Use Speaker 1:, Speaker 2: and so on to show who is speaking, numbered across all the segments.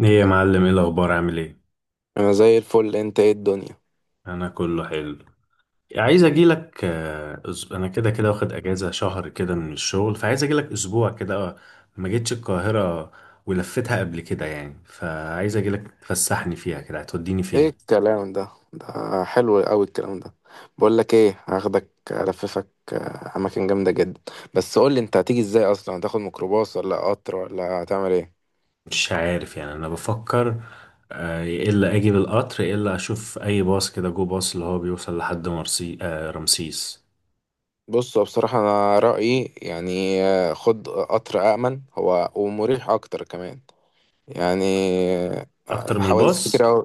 Speaker 1: ايه يا معلم، ايه الاخبار؟ عامل ايه؟
Speaker 2: انا زي الفل. انت ايه الدنيا؟
Speaker 1: انا كله حلو. عايز اجي لك. انا كده كده واخد اجازه شهر كده من الشغل، فعايز اجي لك اسبوع كده. ما جيتش القاهره ولفتها قبل كده يعني، فعايز اجي لك تفسحني فيها كده. هتوديني
Speaker 2: ايه
Speaker 1: فين؟
Speaker 2: الكلام ده حلو قوي الكلام ده. بقول لك ايه، هاخدك الففك اماكن جامده جدا. بس قول لي، انت هتيجي ازاي اصلا؟ هتاخد ميكروباص ولا قطر ولا هتعمل ايه؟
Speaker 1: مش عارف يعني، انا بفكر. يا الا اجي بالقطر، يا الا اشوف اي باص كده، جو باص اللي هو بيوصل لحد مرسي، رمسيس.
Speaker 2: بص، هو بصراحه انا رايي يعني خد قطر، امن هو ومريح اكتر كمان يعني
Speaker 1: اكتر من
Speaker 2: حوادث كتير
Speaker 1: الباص.
Speaker 2: قوي.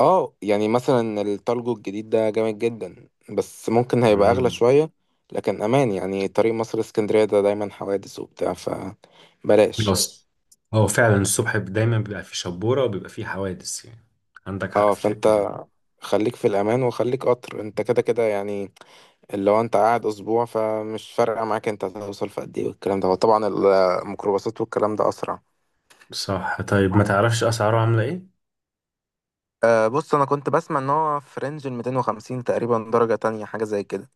Speaker 2: اه يعني مثلا التالجو الجديد ده جامد جدا، بس ممكن هيبقى اغلى شوية، لكن امان يعني. طريق مصر اسكندرية ده دايما حوادث وبتاع، فبلاش.
Speaker 1: بس هو فعلا الصبح دايما بيبقى فيه شبورة وبيبقى فيه حوادث يعني. عندك حق
Speaker 2: اه
Speaker 1: في
Speaker 2: فانت
Speaker 1: الحتة دي.
Speaker 2: خليك في الامان وخليك قطر، انت كده كده يعني اللي هو انت قاعد اسبوع فمش فارقة معاك انت هتوصل في قد ايه، والكلام ده هو طبعا الميكروباصات والكلام ده اسرع.
Speaker 1: صح، طيب ما تعرفش أسعاره عاملة إيه؟
Speaker 2: بص، انا كنت بسمع ان هو في رينج ال 250 تقريبا، درجة تانية حاجة زي كده.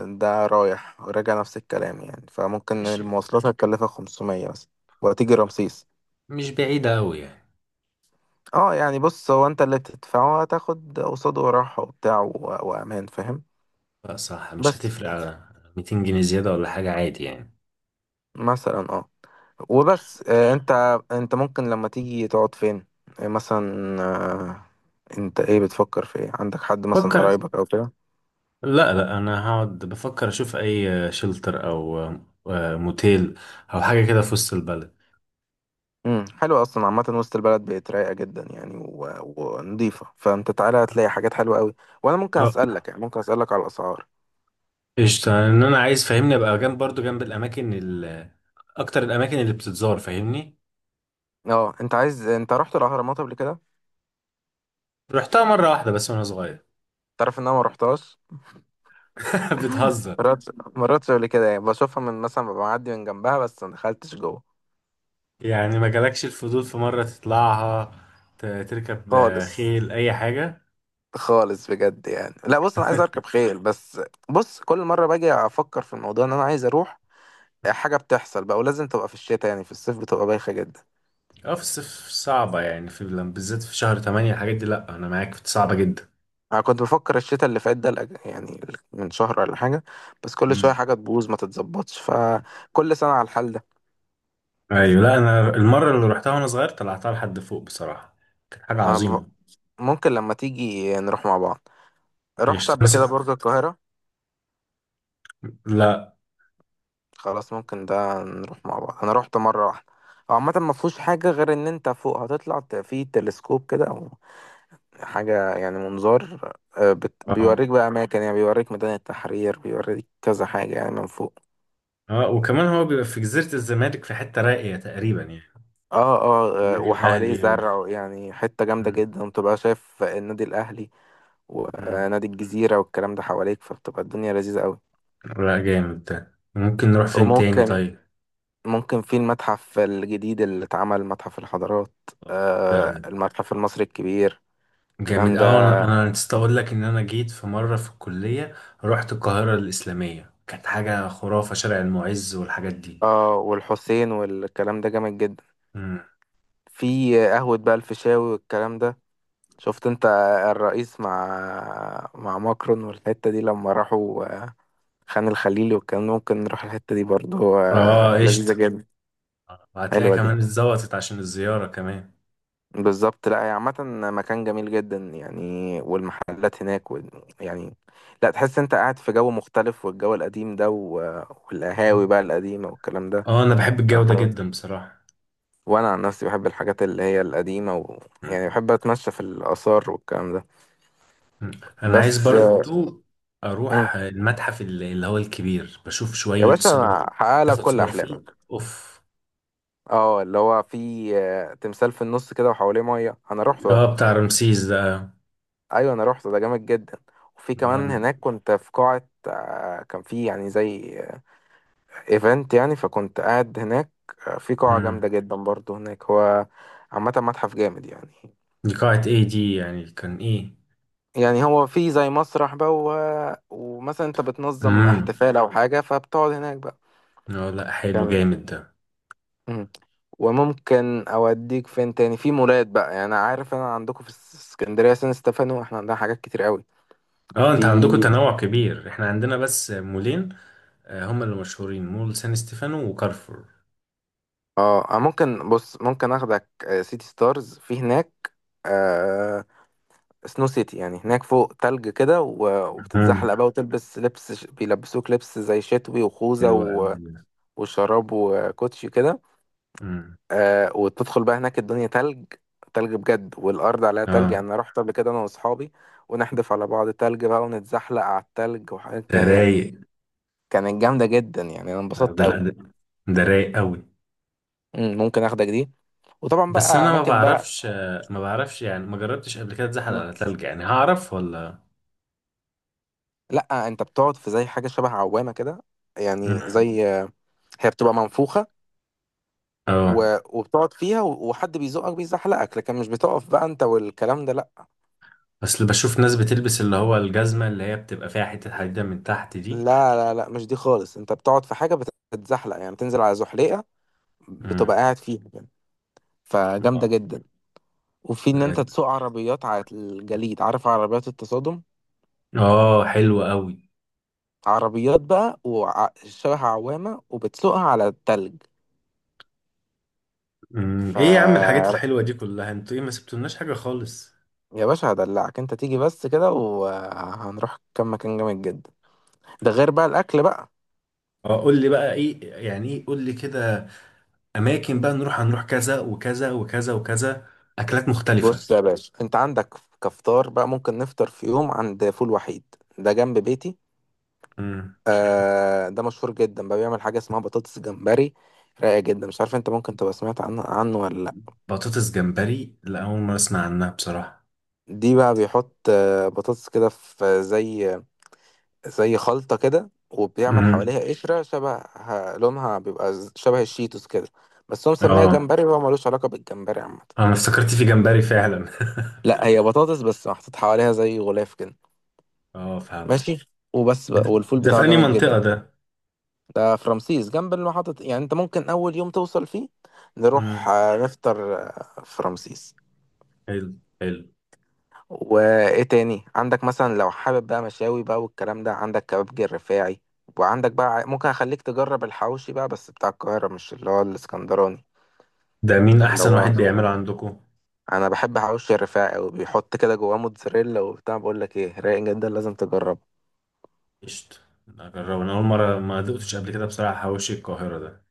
Speaker 2: ده رايح راجع نفس الكلام يعني، فممكن
Speaker 1: ماشي.
Speaker 2: المواصلات هتكلفك 500 مثلا، وهتيجي رمسيس.
Speaker 1: مش بعيدة أوي يعني.
Speaker 2: اه يعني بص، هو انت اللي تدفعه هتاخد قصاده راحة وبتاع و- وامان، فاهم؟
Speaker 1: لا صح، مش
Speaker 2: بس
Speaker 1: هتفرق. على 200 جنيه زيادة ولا حاجة، عادي يعني.
Speaker 2: مثلا اه وبس. انت، انت ممكن لما تيجي تقعد فين؟ آه، مثلا آه انت ايه، بتفكر في ايه؟ عندك حد مثلا
Speaker 1: فكر.
Speaker 2: قرايبك او كده؟
Speaker 1: لا لا، أنا هقعد بفكر أشوف أي شلتر أو موتيل أو حاجة كده في وسط البلد.
Speaker 2: حلو. اصلا عامة وسط البلد بقت رايقة جدا يعني ونضيفة، فانت تعالى هتلاقي حاجات حلوة قوي. وانا ممكن
Speaker 1: اه
Speaker 2: اسألك يعني، ممكن اسألك على الاسعار؟
Speaker 1: قشطة. إن أنا عايز، فاهمني، أبقى جنب، برضو جنب الأماكن أكتر الأماكن اللي بتتزار، فاهمني.
Speaker 2: اه، انت عايز، انت رحت الاهرامات قبل كده؟
Speaker 1: رحتها مرة واحدة بس وأنا صغير.
Speaker 2: تعرف ان انا ما رحتهاش؟
Speaker 1: بتهزر؟
Speaker 2: مرات مرات قبل كده يعني بشوفها من مثلا، ببقى معدي من جنبها، بس ما دخلتش جوه
Speaker 1: يعني ما جالكش الفضول في مرة تطلعها، تركب
Speaker 2: خالص.
Speaker 1: خيل، أي حاجة؟
Speaker 2: خالص بجد يعني. لا بص، انا عايز اركب خيل بس. بص، كل مره باجي افكر في الموضوع ان انا عايز اروح، حاجه بتحصل بقى. ولازم تبقى في الشتاء يعني، في الصيف بتبقى بايخه جدا.
Speaker 1: اه، في الصيف صعبة يعني، في بالذات في شهر تمانية الحاجات دي، لأ أنا معاك، في صعبة جدا.
Speaker 2: انا كنت بفكر الشتاء اللي فات ده يعني من شهر ولا حاجه، بس كل
Speaker 1: مم.
Speaker 2: شويه حاجه تبوظ ما تتظبطش، فكل سنه على الحال ده.
Speaker 1: أيوة. لأ أنا المرة اللي روحتها وأنا صغير طلعتها لحد فوق بصراحة، كانت حاجة
Speaker 2: أنا بف-
Speaker 1: عظيمة.
Speaker 2: ممكن لما تيجي نروح مع بعض.
Speaker 1: مش
Speaker 2: رحت قبل
Speaker 1: تنسى.
Speaker 2: كده برج القاهرة؟
Speaker 1: لأ.
Speaker 2: خلاص ممكن ده نروح مع بعض، انا رحت مرة واحدة. هو عامة ما فيهوش حاجة غير ان انت فوق هتطلع في تلسكوب كده او حاجة يعني منظار،
Speaker 1: اه،
Speaker 2: بيوريك بقى اماكن يعني، بيوريك ميدان التحرير، بيوريك كذا حاجة يعني من فوق.
Speaker 1: اه، وكمان هو بيبقى في جزيرة الزمالك، في حتة راقية تقريبا يعني. النادي
Speaker 2: وحواليه
Speaker 1: الأهلي و...
Speaker 2: زرع يعني، حتة جامدة
Speaker 1: مم.
Speaker 2: جدا، وتبقى شايف النادي الاهلي
Speaker 1: مم.
Speaker 2: ونادي الجزيرة والكلام ده حواليك، فبتبقى الدنيا لذيذة قوي.
Speaker 1: لأ جامد ده. ممكن نروح فين تاني
Speaker 2: وممكن،
Speaker 1: طيب؟
Speaker 2: ممكن في المتحف الجديد اللي اتعمل، متحف الحضارات،
Speaker 1: ده
Speaker 2: المتحف المصري الكبير،
Speaker 1: جامد
Speaker 2: الكلام ده.
Speaker 1: أوي. أنا نسيت أقول لك إن أنا جيت في مرة في الكلية، رحت القاهرة الإسلامية، كانت حاجة خرافة، شارع المعز والحاجات دي.
Speaker 2: اه والحسين والكلام ده جامد جدا،
Speaker 1: مم.
Speaker 2: في قهوة بقى الفيشاوي والكلام ده. شفت انت الرئيس مع ماكرون والحتة دي لما راحوا خان الخليلي والكلام ده؟ ممكن نروح الحتة دي برضو،
Speaker 1: آه
Speaker 2: آه
Speaker 1: قشطة.
Speaker 2: لذيذة جدا.
Speaker 1: وهتلاقي
Speaker 2: حلوة دي
Speaker 1: كمان اتظبطت عشان الزيارة كمان.
Speaker 2: بالظبط. لا، هي عامة مكان جميل جدا يعني، والمحلات هناك يعني، لا تحس انت قاعد في جو مختلف، والجو القديم ده والقهاوي بقى القديمة والكلام ده.
Speaker 1: آه أنا بحب الجو ده
Speaker 2: صراحة.
Speaker 1: جدا بصراحة.
Speaker 2: وانا عن نفسي بحب الحاجات اللي هي القديمة يعني
Speaker 1: مم.
Speaker 2: بحب اتمشى في الآثار والكلام ده.
Speaker 1: مم. أنا عايز
Speaker 2: بس آه،
Speaker 1: برضو
Speaker 2: مم.
Speaker 1: أروح المتحف اللي هو الكبير، بشوف
Speaker 2: يا
Speaker 1: شوية
Speaker 2: باشا
Speaker 1: صور.
Speaker 2: أنا هحققلك
Speaker 1: تاخد
Speaker 2: كل
Speaker 1: صور فيه.
Speaker 2: احلامك.
Speaker 1: أوف.
Speaker 2: اه اللي هو في تمثال في النص كده وحواليه مية، انا رحت ده.
Speaker 1: آه بتاع رمسيس ده.
Speaker 2: ايوه انا رحت ده، جامد جدا. وفي كمان
Speaker 1: آه.
Speaker 2: هناك، كنت في قاعة كان في يعني زي ايفنت يعني، فكنت قاعد هناك في قاعة
Speaker 1: مم.
Speaker 2: جامدة جدا برضو هناك. هو عامة متحف جامد يعني.
Speaker 1: دي قاعة إيه دي يعني؟ كان إيه؟
Speaker 2: يعني هو في زي مسرح بقى، و... ومثلا انت بتنظم
Speaker 1: مم.
Speaker 2: احتفال او حاجة فبتقعد هناك بقى.
Speaker 1: اه لا، حلو،
Speaker 2: تمام.
Speaker 1: جامد ده.
Speaker 2: مم. وممكن اوديك فين تاني؟ في مولات بقى يعني، انا عارف انا عندكم في اسكندرية سان ستيفانو، احنا عندنا حاجات كتير قوي.
Speaker 1: اه انت
Speaker 2: في
Speaker 1: عندكم تنوع كبير، احنا عندنا بس مولين، هما اللي مشهورين، مول سان ستيفانو وكارفور.
Speaker 2: اه، ممكن بص، ممكن اخدك سيتي ستارز في هناك آه، سنو سيتي يعني، هناك فوق تلج كده و-
Speaker 1: مم.
Speaker 2: وبتتزحلق بقى، وتلبس لبس بيلبسوك لبس زي شتوي، وخوذة
Speaker 1: حلو قوي ده.
Speaker 2: وشراب وكوتشي كده.
Speaker 1: مم.
Speaker 2: وتدخل بقى هناك الدنيا تلج، تلج بجد، والأرض عليها تلج يعني.
Speaker 1: اه
Speaker 2: أنا رحت قبل كده أنا وأصحابي ونحدف على بعض تلج بقى، ونتزحلق على التلج،
Speaker 1: ده
Speaker 2: يعني
Speaker 1: رايق.
Speaker 2: كانت جامدة جدا يعني، أنا
Speaker 1: اه
Speaker 2: انبسطت
Speaker 1: ده، لا
Speaker 2: أوي.
Speaker 1: ده، ده رايق قوي.
Speaker 2: ممكن آخدك دي، وطبعا
Speaker 1: بس
Speaker 2: بقى
Speaker 1: انا ما
Speaker 2: أماكن بقى.
Speaker 1: بعرفش، ما بعرفش يعني، ما جربتش قبل كده اتزحل
Speaker 2: مم.
Speaker 1: على تلج، يعني هعرف ولا؟
Speaker 2: لأ، أنت بتقعد في زي حاجة شبه عوامة كده، يعني
Speaker 1: مم.
Speaker 2: زي، هي بتبقى منفوخة
Speaker 1: اه،
Speaker 2: وبتقعد فيها، وحد بيزقك بيزحلقك، لكن مش بتقف بقى انت والكلام ده، لا.
Speaker 1: اصل بشوف ناس بتلبس اللي هو الجزمة اللي هي بتبقى فيها حتة حديدة من تحت
Speaker 2: لا،
Speaker 1: دي.
Speaker 2: لا، لا، مش دي خالص. انت بتقعد في حاجة بتتزحلق يعني، بتنزل على زحليقة بتبقى
Speaker 1: مم.
Speaker 2: قاعد فيها يعني، فجامدة جدا. وفي ان انت تسوق عربيات على الجليد، عارف عربيات التصادم؟
Speaker 1: اه حلو قوي.
Speaker 2: عربيات بقى وشبه عوامة، وبتسوقها على التلج.
Speaker 1: امم،
Speaker 2: ف
Speaker 1: ايه يا عم الحاجات الحلوه دي كلها؟ انتوا ايه، ما سبتولناش حاجه خالص.
Speaker 2: يا باشا هدلعك، انت تيجي بس كده وهنروح كام مكان جامد جدا، ده غير بقى الاكل بقى.
Speaker 1: اه قول لي بقى ايه يعني، ايه قول لي كده، اماكن بقى نروح، هنروح كذا وكذا وكذا وكذا، اكلات
Speaker 2: بص
Speaker 1: مختلفه.
Speaker 2: يا باشا، انت عندك كفطار بقى، ممكن نفطر في يوم عند فول وحيد، ده جنب بيتي.
Speaker 1: امم.
Speaker 2: ده مشهور جدا بقى، بيعمل حاجه اسمها بطاطس جمبري، رايقه جدا. مش عارف انت ممكن تبقى سمعت عنه ولا لا.
Speaker 1: بطاطس جمبري؟ لا اول مره اسمع عنها بصراحه.
Speaker 2: دي بقى بيحط بطاطس كده في زي، زي خلطه كده، وبيعمل
Speaker 1: امم.
Speaker 2: حواليها قشره شبه، لونها بيبقى شبه الشيتوس كده. بس هو مسميها
Speaker 1: اه
Speaker 2: جمبري وهو ملوش علاقه بالجمبري عامه.
Speaker 1: انا افتكرت في جمبري فعلا.
Speaker 2: لا، هي بطاطس بس محطوط حواليها زي غلاف كده.
Speaker 1: اه فهمت.
Speaker 2: ماشي وبس بقى،
Speaker 1: ده
Speaker 2: والفول
Speaker 1: ده في
Speaker 2: بتاعه
Speaker 1: انهي
Speaker 2: جامد
Speaker 1: منطقه
Speaker 2: جدا.
Speaker 1: ده؟
Speaker 2: ده في رمسيس جنب المحطة، يعني انت ممكن اول يوم توصل فيه نروح
Speaker 1: امم.
Speaker 2: نفطر في رمسيس.
Speaker 1: حلو حلو.
Speaker 2: وايه تاني عندك مثلا؟ لو حابب بقى مشاوي بقى والكلام ده، عندك كبابجي الرفاعي، وعندك بقى ممكن اخليك تجرب الحواوشي بقى، بس بتاع القاهرة مش اللي هو الاسكندراني.
Speaker 1: ده مين
Speaker 2: اللي
Speaker 1: احسن واحد
Speaker 2: هو،
Speaker 1: بيعمله عندكم؟
Speaker 2: انا بحب حواوشي الرفاعي، وبيحط كده جواه موتزاريلا وبتاع، بقول لك ايه، رايق جدا، لازم تجرب.
Speaker 1: قشطة، اجربه. انا اول مره ما دقتش قبل كده بصراحه حواوشي القاهره ده.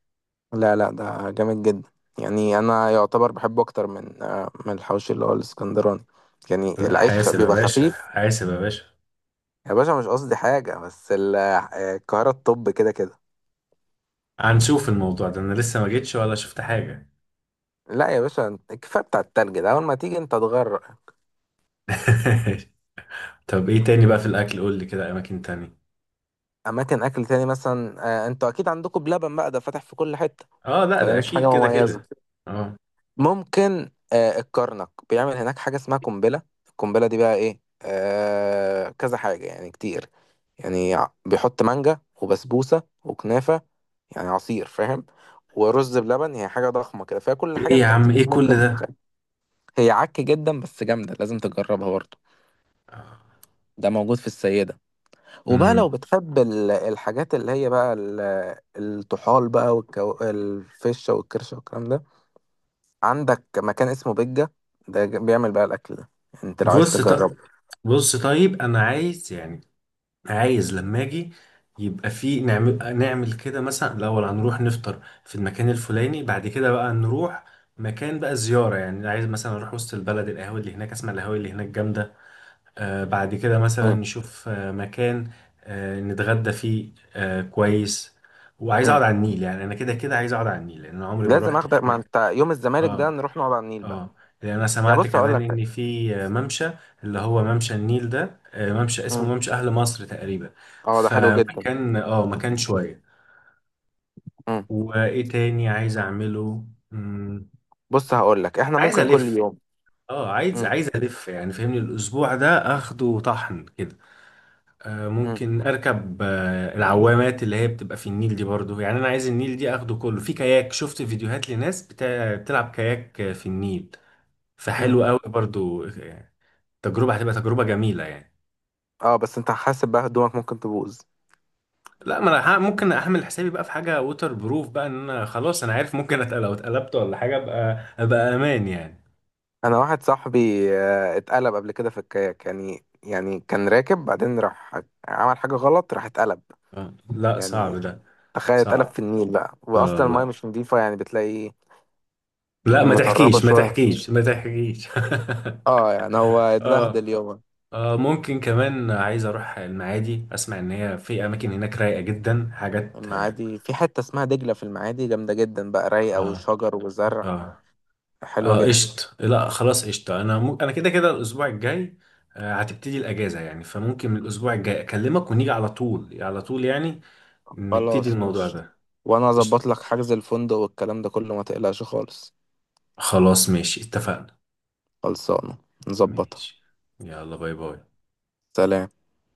Speaker 2: لا لا، ده جامد جدا يعني، انا يعتبر بحبه اكتر من من الحوش اللي هو الاسكندراني، يعني
Speaker 1: لا
Speaker 2: العيش
Speaker 1: حاسب يا
Speaker 2: بيبقى
Speaker 1: باشا،
Speaker 2: خفيف.
Speaker 1: حاسب يا باشا.
Speaker 2: يا باشا مش قصدي حاجه، بس القاهره الطب كده كده.
Speaker 1: هنشوف الموضوع ده، انا لسه ما جيتش ولا شفت حاجة.
Speaker 2: لا يا باشا، الكفايه بتاع التلج ده، اول ما تيجي انت تغرق.
Speaker 1: طب ايه تاني بقى في الاكل؟ قول لي كده اماكن تانية.
Speaker 2: اماكن اكل تاني مثلا، انتوا اكيد عندكم بلبن بقى، ده فاتح في كل حته،
Speaker 1: اه لا
Speaker 2: فده
Speaker 1: ده
Speaker 2: مش
Speaker 1: اكيد
Speaker 2: حاجه
Speaker 1: كده
Speaker 2: مميزه.
Speaker 1: كده. اه.
Speaker 2: ممكن الكرنك بيعمل هناك حاجة اسمها قنبلة. القنبلة دي بقى ايه؟ كذا حاجة يعني كتير، يعني بيحط مانجا وبسبوسة وكنافة، يعني عصير فاهم، ورز بلبن، هي حاجة ضخمة كده فيها كل حاجة
Speaker 1: ايه يا
Speaker 2: انت
Speaker 1: عم،
Speaker 2: ممكن
Speaker 1: ايه كل
Speaker 2: ممكن
Speaker 1: ده؟
Speaker 2: تتخيل. هي عك جدا بس جامدة، لازم تجربها برضه. ده موجود في السيدة. وبقى لو
Speaker 1: امم.
Speaker 2: بتحب الحاجات اللي هي بقى الطحال بقى، الفشة والكرشة والكلام ده، عندك مكان اسمه بجة، بيعمل بقى الأكل ده، أنت لو عايز
Speaker 1: بص
Speaker 2: تجرب.
Speaker 1: طب، بص طيب، انا عايز يعني، عايز لما اجي يبقى في، نعمل نعمل كده، مثلا الاول هنروح نفطر في المكان الفلاني، بعد كده بقى نروح مكان بقى زيارة، يعني عايز مثلا اروح وسط البلد، القهاوي اللي هناك، اسمع القهاوي اللي هناك جامدة. بعد كده مثلا
Speaker 2: مم.
Speaker 1: نشوف مكان نتغدى فيه كويس. وعايز
Speaker 2: مم.
Speaker 1: اقعد على النيل، يعني انا كده كده عايز اقعد على النيل، لان أنا عمري ما
Speaker 2: لازم
Speaker 1: روحت في
Speaker 2: أخدك، ما
Speaker 1: مكان.
Speaker 2: أنت يوم الزمالك ده
Speaker 1: اه.
Speaker 2: نروح نقعد على النيل بقى.
Speaker 1: اه. لان انا
Speaker 2: يا
Speaker 1: سمعت
Speaker 2: بص هقول
Speaker 1: كمان
Speaker 2: لك حاجة.
Speaker 1: ان في ممشى، اللي هو ممشى النيل ده، ممشى اسمه
Speaker 2: مم.
Speaker 1: ممشى اهل مصر تقريبا.
Speaker 2: أه ده حلو جدا.
Speaker 1: فمكان، اه مكان شوية.
Speaker 2: مم.
Speaker 1: وايه تاني عايز اعمله؟ مم،
Speaker 2: بص هقول لك، إحنا
Speaker 1: عايز
Speaker 2: ممكن كل
Speaker 1: الف.
Speaker 2: يوم.
Speaker 1: اه عايز،
Speaker 2: مم.
Speaker 1: عايز الف يعني، فهمني الاسبوع ده اخده طحن كده.
Speaker 2: مم.
Speaker 1: ممكن اركب العوامات اللي هي بتبقى في النيل دي برضو، يعني انا عايز النيل دي اخده كله في كاياك. شفت فيديوهات لناس بتلعب كاياك في النيل،
Speaker 2: مم.
Speaker 1: فحلو قوي برضو. تجربة هتبقى تجربة جميلة يعني.
Speaker 2: أه بس أنت حاسب بقى، هدومك ممكن تبوظ.
Speaker 1: لا ما انا ممكن اعمل حسابي بقى في حاجة ووتر بروف، بقى ان انا خلاص انا عارف، ممكن لو اتقلبت ولا حاجة ابقى، ابقى امان يعني.
Speaker 2: أنا واحد صاحبي اتقلب قبل كده في الكاياك يعني كان راكب بعدين راح عمل حاجة غلط، راح اتقلب
Speaker 1: لا
Speaker 2: يعني.
Speaker 1: صعب ده.
Speaker 2: تخيل اتقلب
Speaker 1: صعب.
Speaker 2: في النيل بقى،
Speaker 1: اه
Speaker 2: وأصلا المايه مش
Speaker 1: لا،
Speaker 2: نضيفة يعني، بتلاقي
Speaker 1: لا ما
Speaker 2: مطربة
Speaker 1: تحكيش، ما
Speaker 2: شوية،
Speaker 1: تحكيش، ما تحكيش.
Speaker 2: اه يعني هو
Speaker 1: اه.
Speaker 2: اتبهدل يومه.
Speaker 1: آه ممكن كمان عايز اروح المعادي، اسمع ان هي في اماكن هناك رايقه جدا، حاجات اه.
Speaker 2: المعادي في حتة اسمها دجلة في المعادي، جامدة جدا بقى، رايقة
Speaker 1: اه.
Speaker 2: وشجر وزرع،
Speaker 1: اه.
Speaker 2: حلوة جدا.
Speaker 1: قشط. لا خلاص قشط. انا انا كده كده الاسبوع الجاي آه هتبتدي الاجازه يعني، فممكن من الاسبوع الجاي اكلمك ونيجي على طول على طول يعني، نبتدي
Speaker 2: خلاص
Speaker 1: الموضوع
Speaker 2: ماشي،
Speaker 1: ده.
Speaker 2: وانا
Speaker 1: قشط.
Speaker 2: اظبط لك حجز الفندق والكلام ده كله، ما تقلقش خالص.
Speaker 1: خلاص ماشي، اتفقنا.
Speaker 2: خلصانة، نظبطها.
Speaker 1: ماشي. يلا باي باي.
Speaker 2: سلام.